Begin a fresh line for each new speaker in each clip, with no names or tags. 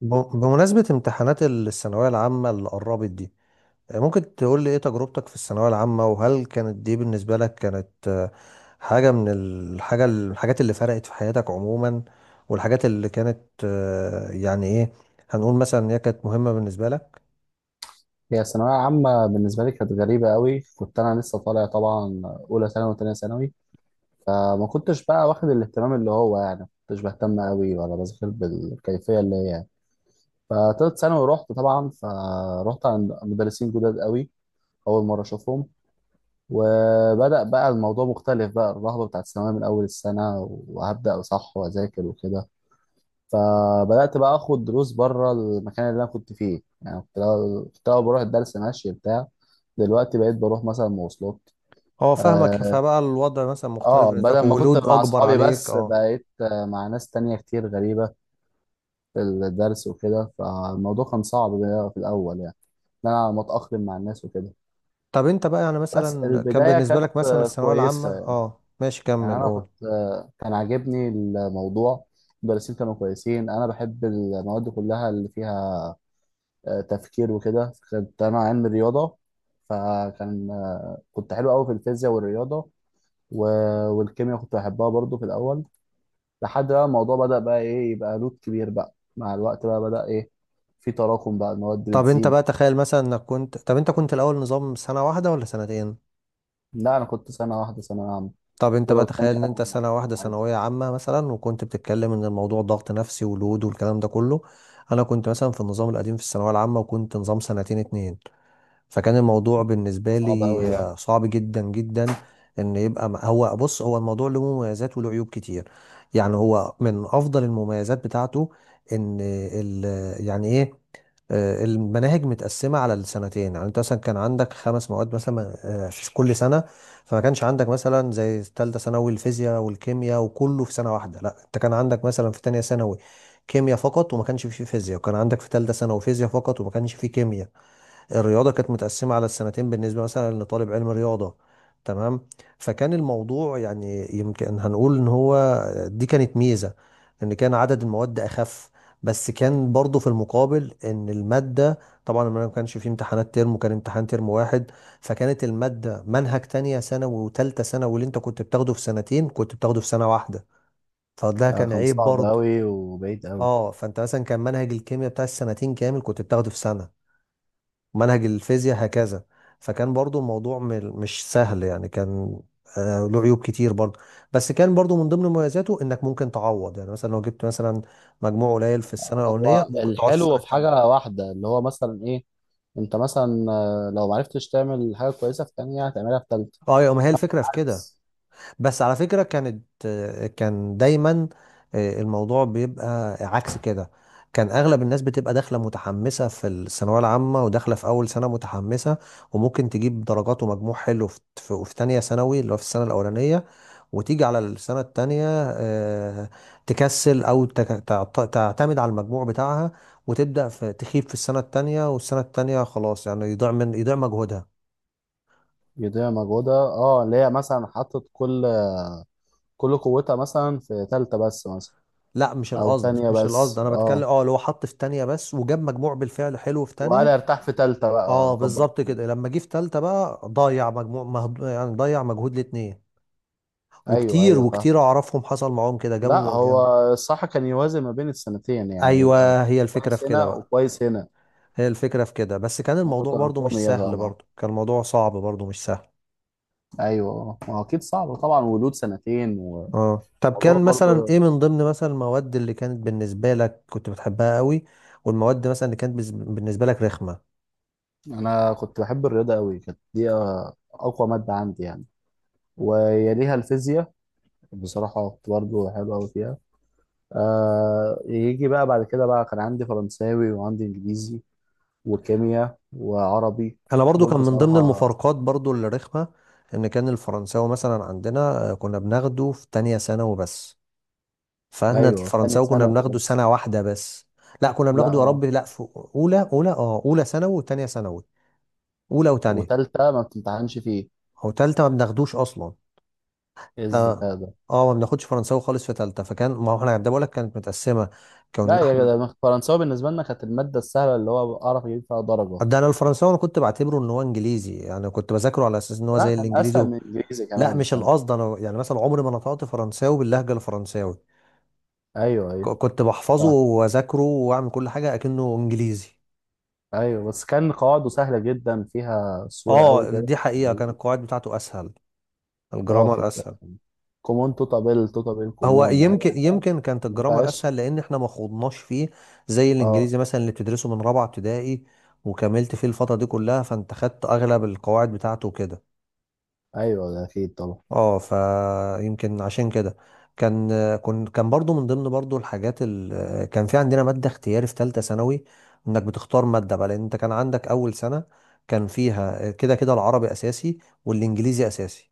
بمناسبة امتحانات الثانوية العامة اللي قربت دي، ممكن تقول لي ايه تجربتك في الثانوية العامة؟ وهل كانت دي بالنسبة لك كانت حاجة من الحاجات اللي فرقت في حياتك عموما، والحاجات اللي كانت، يعني ايه، هنقول مثلا ان هي كانت مهمة بالنسبة لك؟
هي ثانوية عامة بالنسبة لي كانت غريبة قوي، كنت أنا لسه طالع طبعا أولى ثانوي وتانية ثانوي. فما كنتش بقى واخد الاهتمام، اللي هو يعني ما كنتش بهتم قوي ولا بذاكر بالكيفية اللي هي يعني. فتالت ثانوي رحت طبعا، فرحت عند مدرسين جداد قوي أول مرة أشوفهم. وبدأ بقى الموضوع مختلف، بقى الرهبة بتاعت الثانوية من أول السنة، وهبدأ صح وأذاكر وكده. فبدات بقى اخد دروس بره المكان اللي انا كنت فيه، يعني كنت الأول بروح الدرس ماشي بتاع، دلوقتي بقيت بروح مثلا مواصلات.
اه، فاهمك.
اه.
فبقى الوضع مثلا مختلف بالنسبة
بدل
لك
ما كنت
ولود
مع
اكبر
اصحابي
عليك،
بس
اه.
بقيت مع ناس تانية كتير غريبة في الدرس وكده، فالموضوع كان صعب بقى في الاول، يعني ان انا متاقلم مع الناس وكده.
طب انت بقى يعني
بس
مثلا كان
البداية
بالنسبة
كانت
لك مثلا الثانوية العامة،
كويسة.
اه ماشي
يعني
كمل
أنا
قول.
كنت آه، كان عاجبني الموضوع، المدرسين كانوا كويسين، أنا بحب المواد كلها اللي فيها تفكير وكده، كنت انا علم رياضه. فكان آه، كنت حلو قوي في الفيزياء والرياضه و... والكيمياء كنت بحبها برضو في الاول، لحد بقى الموضوع بدأ بقى ايه، يبقى لود كبير بقى، مع الوقت بقى بدأ ايه، في تراكم، بقى المواد
طب انت
بتزيد.
بقى تخيل مثلا انك كنت طب انت كنت الاول نظام سنة واحدة ولا سنتين؟
لا انا كنت سنه واحده ثانويه عامه.
طب انت بقى
ولو تانية
تخيل ان انت سنة واحدة
عادي.
ثانوية عامة مثلا، وكنت بتتكلم ان الموضوع ضغط نفسي ولود والكلام ده كله. انا كنت مثلا في النظام القديم في الثانوية العامة وكنت نظام سنتين اتنين، فكان الموضوع بالنسبة
صعب قوي
لي
ده
صعب جدا جدا. ان يبقى هو بص، هو الموضوع له مميزات وله عيوب كتير. يعني هو من افضل المميزات بتاعته ان يعني ايه، المناهج متقسمة على السنتين. يعني انت مثلا كان عندك خمس مواد مثلا في كل سنة. فما كانش عندك مثلا زي تالتة ثانوي الفيزياء والكيمياء وكله في سنة واحدة، لا، انت كان عندك مثلا في تانية ثانوي كيمياء فقط وما كانش فيه فيزياء، وكان عندك في تالتة ثانوي فيزياء فقط وما كانش فيه كيمياء. الرياضة كانت متقسمة على السنتين بالنسبة مثلا لطالب علم رياضة، تمام. فكان الموضوع يعني يمكن هنقول ان هو دي كانت ميزة، ان كان عدد المواد اخف، بس كان برضو في المقابل ان المادة، طبعا ما كانش فيه امتحانات ترم وكان امتحان ترم واحد. فكانت المادة منهج تانية ثانوي وتالتة ثانوي، واللي انت كنت بتاخده في سنتين كنت بتاخده في سنة واحدة، فده
ده
كان
كان
عيب
صعب
برضو.
قوي وبعيد قوي.
اه، فانت مثلا كان منهج الكيمياء بتاع السنتين كامل كنت بتاخده في سنة، منهج الفيزياء هكذا. فكان برضو الموضوع مش سهل يعني، كان له عيوب كتير برضو. بس كان برضو من ضمن مميزاته انك ممكن تعوض، يعني مثلا لو جبت مثلا مجموع قليل في السنه الاولانيه
هو
ممكن تعوض في السنه
الحلو في
الثانيه.
حاجه واحده اللي هو مثلا ايه، انت مثلا لو معرفتش تعمل حاجه كويسه في تانية هتعملها في تالتة.
اه، يا ما هي الفكره في كده.
عكس.
بس على فكرة، كان دايما الموضوع بيبقى عكس كده. كان اغلب الناس بتبقى داخله متحمسه في الثانويه العامه وداخله في اول سنه متحمسه، وممكن تجيب درجات ومجموع حلو في تانية ثانوي اللي هو في السنه الاولانيه، وتيجي على السنه التانية آه، تكسل او تعتمد على المجموع بتاعها، وتبدا في تخيب في السنه التانية، والسنه التانية خلاص، يعني يضيع مجهودها.
جدية موجودة، اه، اللي هي مثلا حطت كل قوتها مثلا في تالتة بس مثلا.
لا، مش
أو
القصد
تانية
مش القصد
بس،
انا بتكلم
اه،
اه اللي هو حط في تانية بس وجاب مجموع بالفعل حلو في
وقال
تانية،
ارتاح في تالتة بقى
اه
كبر.
بالظبط كده. لما جه في تالتة بقى ضيع يعني ضيع مجهود الاتنين.
أيوه،
وكتير
أيوه، فاهم.
وكتير اعرفهم حصل معاهم كده،
لا
جابوا يعني.
هو الصح كان يوازن ما بين السنتين، يعني يبقى
ايوه، هي الفكرة
كويس
في كده
هنا
بقى،
وكويس هنا.
هي الفكرة في كده، بس كان الموضوع برضو مش
متراكمية
سهل،
طبعا.
برضو كان الموضوع صعب برضو مش سهل.
أيوه، ما هو أكيد صعب طبعا، ولود سنتين
اه، طب
وموضوع
كان مثلا
برضه.
ايه من ضمن مثلا المواد اللي كانت بالنسبة لك كنت بتحبها قوي، والمواد مثلا اللي كانت بالنسبة لك رخمة؟
أنا كنت بحب الرياضة أوي، كانت دي أقوى مادة عندي يعني، ويليها الفيزياء، بصراحة كنت برضه حلوة أوي فيها. يجي بقى بعد كده بقى كان عندي فرنساوي وعندي انجليزي وكيمياء وعربي،
انا برضو
دول
كان من ضمن
بصراحة.
المفارقات برضو اللي رخمه، ان كان الفرنساوي مثلا عندنا كنا بناخده في تانية ثانوي بس. فاحنا
ايوه، تاني
الفرنساوي كنا
سنة
بناخده
بس.
سنه واحده بس. لا، كنا
لا
بناخده يا
هو
رب لا في اولى، اه اولى ثانوي وتانية ثانوي، اولى وتانية.
وتالتة ما بتمتحنش فيه.
او تالتة ما بناخدوش اصلا.
ايه
تا-
الذكاء ده!
اه، ما بناخدش فرنساوي خالص في تالتة. فكان ما هو احنا ده بقول لك كانت متقسمه.
لا
كنا
يا
احنا
جدع، فرنساوي بالنسبة لنا كانت المادة السهلة، اللي هو اعرف اجيب فيها درجة.
ده. انا الفرنساوي، انا كنت بعتبره ان هو انجليزي، يعني كنت بذاكره على اساس ان هو
لا،
زي
كان اسهل
الانجليزي.
من انجليزي
لا،
كمان،
مش
كان.
القصد انا، يعني مثلا عمري ما نطقت فرنساوي باللهجه الفرنساوي،
ايوه، ايوه،
كنت بحفظه
صح.
واذاكره واعمل كل حاجه اكنه انجليزي.
ايوه بس كان قواعده سهلة جدا فيها، صورة قوي
اه
كده.
دي حقيقه، كان القواعد بتاعته اسهل،
اه
الجرامر
كنت
اسهل.
كومون توتابيل، توتابيل
هو
كومون، اي
يمكن،
حاجة.
كانت
ما
الجرامر
فيهاش.
اسهل لان احنا ما خوضناش فيه زي
اه،
الانجليزي مثلا اللي بتدرسه من رابعه ابتدائي وكملت فيه الفتره دي كلها، فانت خدت اغلب القواعد بتاعته كده.
ايوه ده اكيد طبعا.
اه، فيمكن عشان كده كان، كان برضو من ضمن برضو الحاجات، كان في عندنا مادة اختياري في ثالثة ثانوي، انك بتختار مادة بقى، لان انت كان عندك اول سنة كان فيها كده كده العربي اساسي والانجليزي اساسي،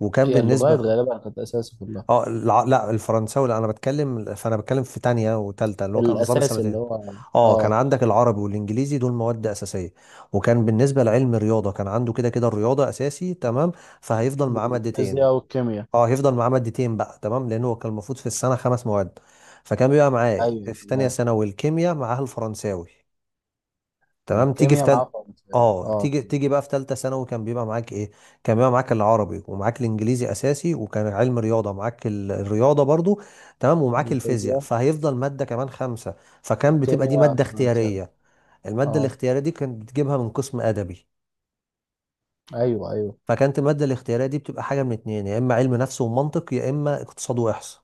وكان
هي اللغات
بالنسبة،
غالبا كانت اساسي في اللغه.
لا الفرنساوي، لا انا بتكلم فانا بتكلم في تانية وتالتة اللي هو كان نظام
الاساسي اللي
السنتين.
هو
اه، كان
اه،
عندك العربي والانجليزي، دول مواد اساسيه، وكان بالنسبه لعلم الرياضه كان عنده كده كده الرياضه اساسي، تمام، فهيفضل معاه مادتين.
الفيزياء والكيمياء.
اه، هيفضل معاه مادتين بقى، تمام، لان هو كان المفروض في السنه خمس مواد، فكان بيبقى معاه
ايوه
في تانية
تمام.
ثانوي الكيمياء، معاه الفرنساوي، تمام. تيجي في
الكيمياء معاه
تل
فرنساوي،
اه،
اه.
تيجي بقى في تالتة ثانوي كان بيبقى معاك ايه؟ كان بيبقى معاك العربي، ومعاك الانجليزي اساسي، وكان علم رياضه معاك الرياضه برضو، تمام، ومعاك الفيزياء،
الفيزياء.
فهيفضل ماده كمان خمسه، فكان بتبقى دي
الكيمياء
ماده
فرنساوي.
اختياريه. الماده
اه،
الاختياريه دي كانت بتجيبها من قسم ادبي.
ايوه، ايوه.
فكانت الماده الاختياريه دي بتبقى حاجه من اتنين، يا اما علم نفس ومنطق، يا اما اقتصاد واحصاء.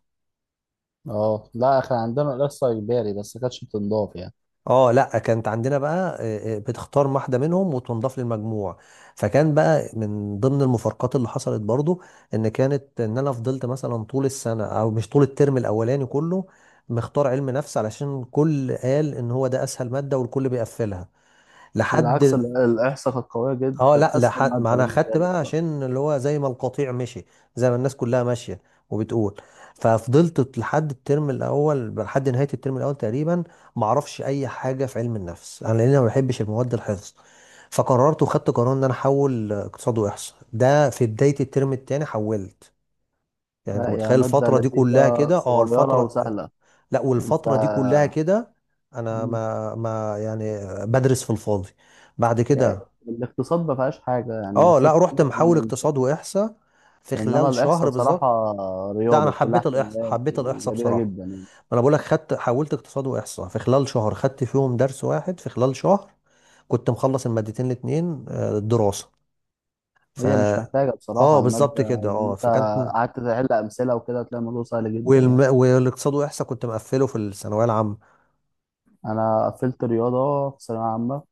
اه لا، كان عندنا الاحصاء اجباري بس ما كانتش بتنضاف يعني.
اه لا، كانت عندنا بقى بتختار واحده منهم وتنضاف للمجموع. فكان بقى من ضمن المفارقات اللي حصلت برضو ان كانت، ان انا فضلت مثلا طول السنه، او مش طول الترم الاولاني كله، مختار علم نفس علشان كل قال ان هو ده اسهل ماده والكل بيقفلها
بالعكس،
لحد،
الاحصاء كانت قويه جدا،
اه
كانت
لا،
اسهل
لحد ما
ماده
انا خدت
بالنسبه لي
بقى،
بصراحة.
عشان اللي هو زي ما القطيع مشي، زي ما الناس كلها ماشيه وبتقول، ففضلت لحد الترم الاول، لحد نهايه الترم الاول تقريبا ما اعرفش اي حاجه في علم النفس انا، لان أنا ما بحبش المواد الحفظ. فقررت وخدت قرار ان انا احول اقتصاد واحصاء، ده في بدايه الترم الثاني حولت. يعني انت
لا يا
متخيل
ماده
الفتره دي كلها
لذيذه،
كده، اه
صغيره
الفتره،
وسهله.
لا
انت.
والفتره دي كلها كده انا
مم.
ما يعني بدرس في الفاضي. بعد
يعني
كده
الاقتصاد ما فيهاش حاجه، يعني
اه
الاقتصاد
لا، رحت
كله كلام.
محول اقتصاد واحصاء في
انما
خلال شهر
الاحصاء
بالظبط.
بصراحه
لا، انا
رياضه، كلها
حبيت الاحصاء،
احتمالات
حبيت الاحصاء
وجميله
بصراحه.
جدا يعني.
ما انا بقول لك، حولت اقتصاد واحصاء في خلال شهر، خدت فيهم درس واحد في خلال شهر، كنت مخلص المادتين الاتنين دراسه. ف
وهي مش محتاجه
اه
بصراحه الماده،
بالظبط كده.
لو
اه،
انت
فكانت،
قعدت تحل امثله وكده هتلاقي الموضوع سهل جدا يعني.
والاقتصاد واحصاء كنت مقفله في الثانويه العامه.
انا قفلت رياضه في ثانويه عامه،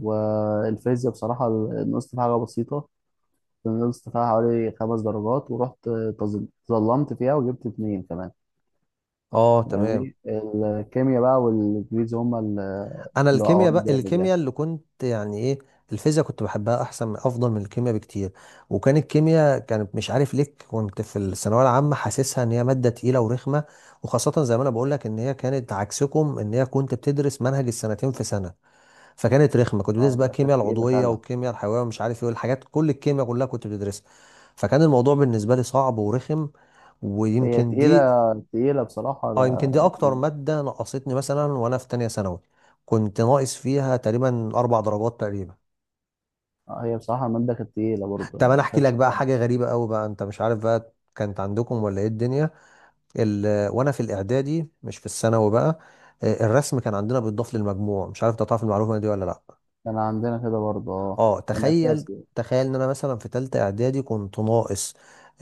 والفيزياء بصراحه نقصت فيها حاجه بسيطه، نقصت فيها حوالي خمس درجات، ورحت تظلمت فيها وجبت اتنين كمان.
اه تمام.
يعني الكيمياء بقى والانجليزي هما اللي
انا
اللي
الكيمياء
وقعوني
بقى،
جامد يعني.
الكيمياء اللي كنت يعني ايه، الفيزياء كنت بحبها احسن من الكيمياء بكتير. وكان الكيمياء كانت مش عارف ليه كنت في الثانويه العامه حاسسها ان هي ماده تقيله ورخمه، وخاصه زي ما انا بقول لك ان هي كانت عكسكم، ان هي كنت بتدرس منهج السنتين في سنه. فكانت رخمه، كنت بتدرس
اه،
بقى
ده كانت
الكيمياء
تقيله
العضويه
فعلا.
والكيمياء الحيويه ومش عارف ايه والحاجات، كل الكيمياء كلها كنت بتدرسها، فكان الموضوع بالنسبه لي صعب ورخم.
هي
ويمكن
تقيله
دي،
تقيلة بصراحة.
اه يمكن دي اكتر ماده نقصتني مثلا وانا في تانية ثانوي، كنت ناقص فيها تقريبا 4 درجات تقريبا.
هي بصراحة المادة كانت تقيلة برضه،
طب
يعني
انا
ما
احكي لك
كانتش.
بقى حاجه غريبه قوي بقى، انت مش عارف بقى كانت عندكم ولا ايه الدنيا، وانا في الاعدادي مش في الثانوي بقى، الرسم كان عندنا بيتضاف للمجموع، مش عارف انت تعرف المعلومه دي ولا لا.
كان عندنا كده برضه، اه،
اه
كان
تخيل،
أساسي.
تخيل ان انا مثلا في تالتة اعدادي كنت ناقص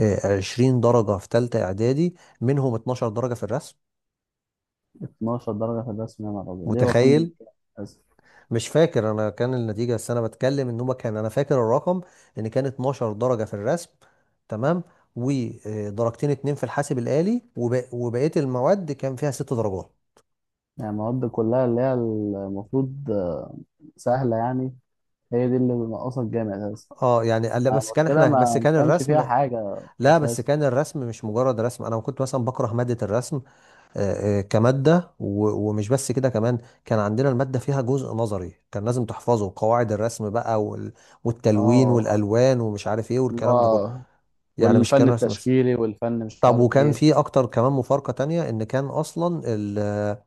20 درجه في تالتة اعدادي، منهم 12 درجه في الرسم،
12 درجة في الرسم؟ يا نهار أبيض! ليه، هو كان
متخيل؟
أساسي؟
مش فاكر انا كان النتيجه، بس انا بتكلم ان هو كان انا فاكر الرقم ان كان 12 درجه في الرسم، تمام، ودرجتين اتنين في الحاسب الآلي، وبقيه المواد كان فيها 6 درجات.
يعني المواد كلها اللي هي المفروض سهلة يعني، هي دي اللي بنقصها الجامعة أساسا.
اه يعني لا،
يعني
بس كان
المشكلة
احنا بس
ما
كان
كانش فيها
الرسم،
حاجة
لا بس
أساسا.
كان الرسم مش مجرد رسم، انا كنت مثلا بكره ماده الرسم كماده، ومش بس كده، كمان كان عندنا الماده فيها جزء نظري كان لازم تحفظه، قواعد الرسم بقى والتلوين
اه،
والالوان ومش عارف ايه
اللي
والكلام ده كله.
هو
يعني مش
والفن
كان رسم بس.
التشكيلي والفن مش
طب
عارف
وكان
ايه.
في اكتر كمان مفارقة تانية، ان كان اصلا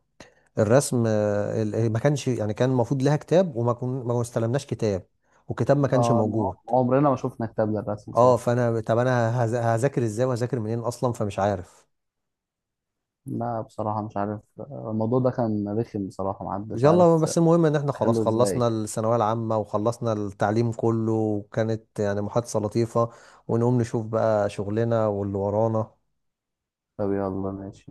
الرسم ما كانش، يعني كان المفروض لها كتاب، وما كن ما استلمناش كتاب، والكتاب ما كانش
اه،
موجود.
عمرنا ما شفنا كتاب للرسم
اه
بصراحة.
فانا، طب انا هذاكر ازاي وهذاكر منين اصلا؟ فمش عارف.
لا بصراحة مش عارف، الموضوع ده كان رخم بصراحة، محدش
يلا،
عارف.
بس المهم ان احنا خلاص
حلو ازاي.
خلصنا الثانوية العامة وخلصنا التعليم كله، وكانت يعني محادثة لطيفة، ونقوم نشوف بقى شغلنا واللي ورانا.
طب يلا ماشي.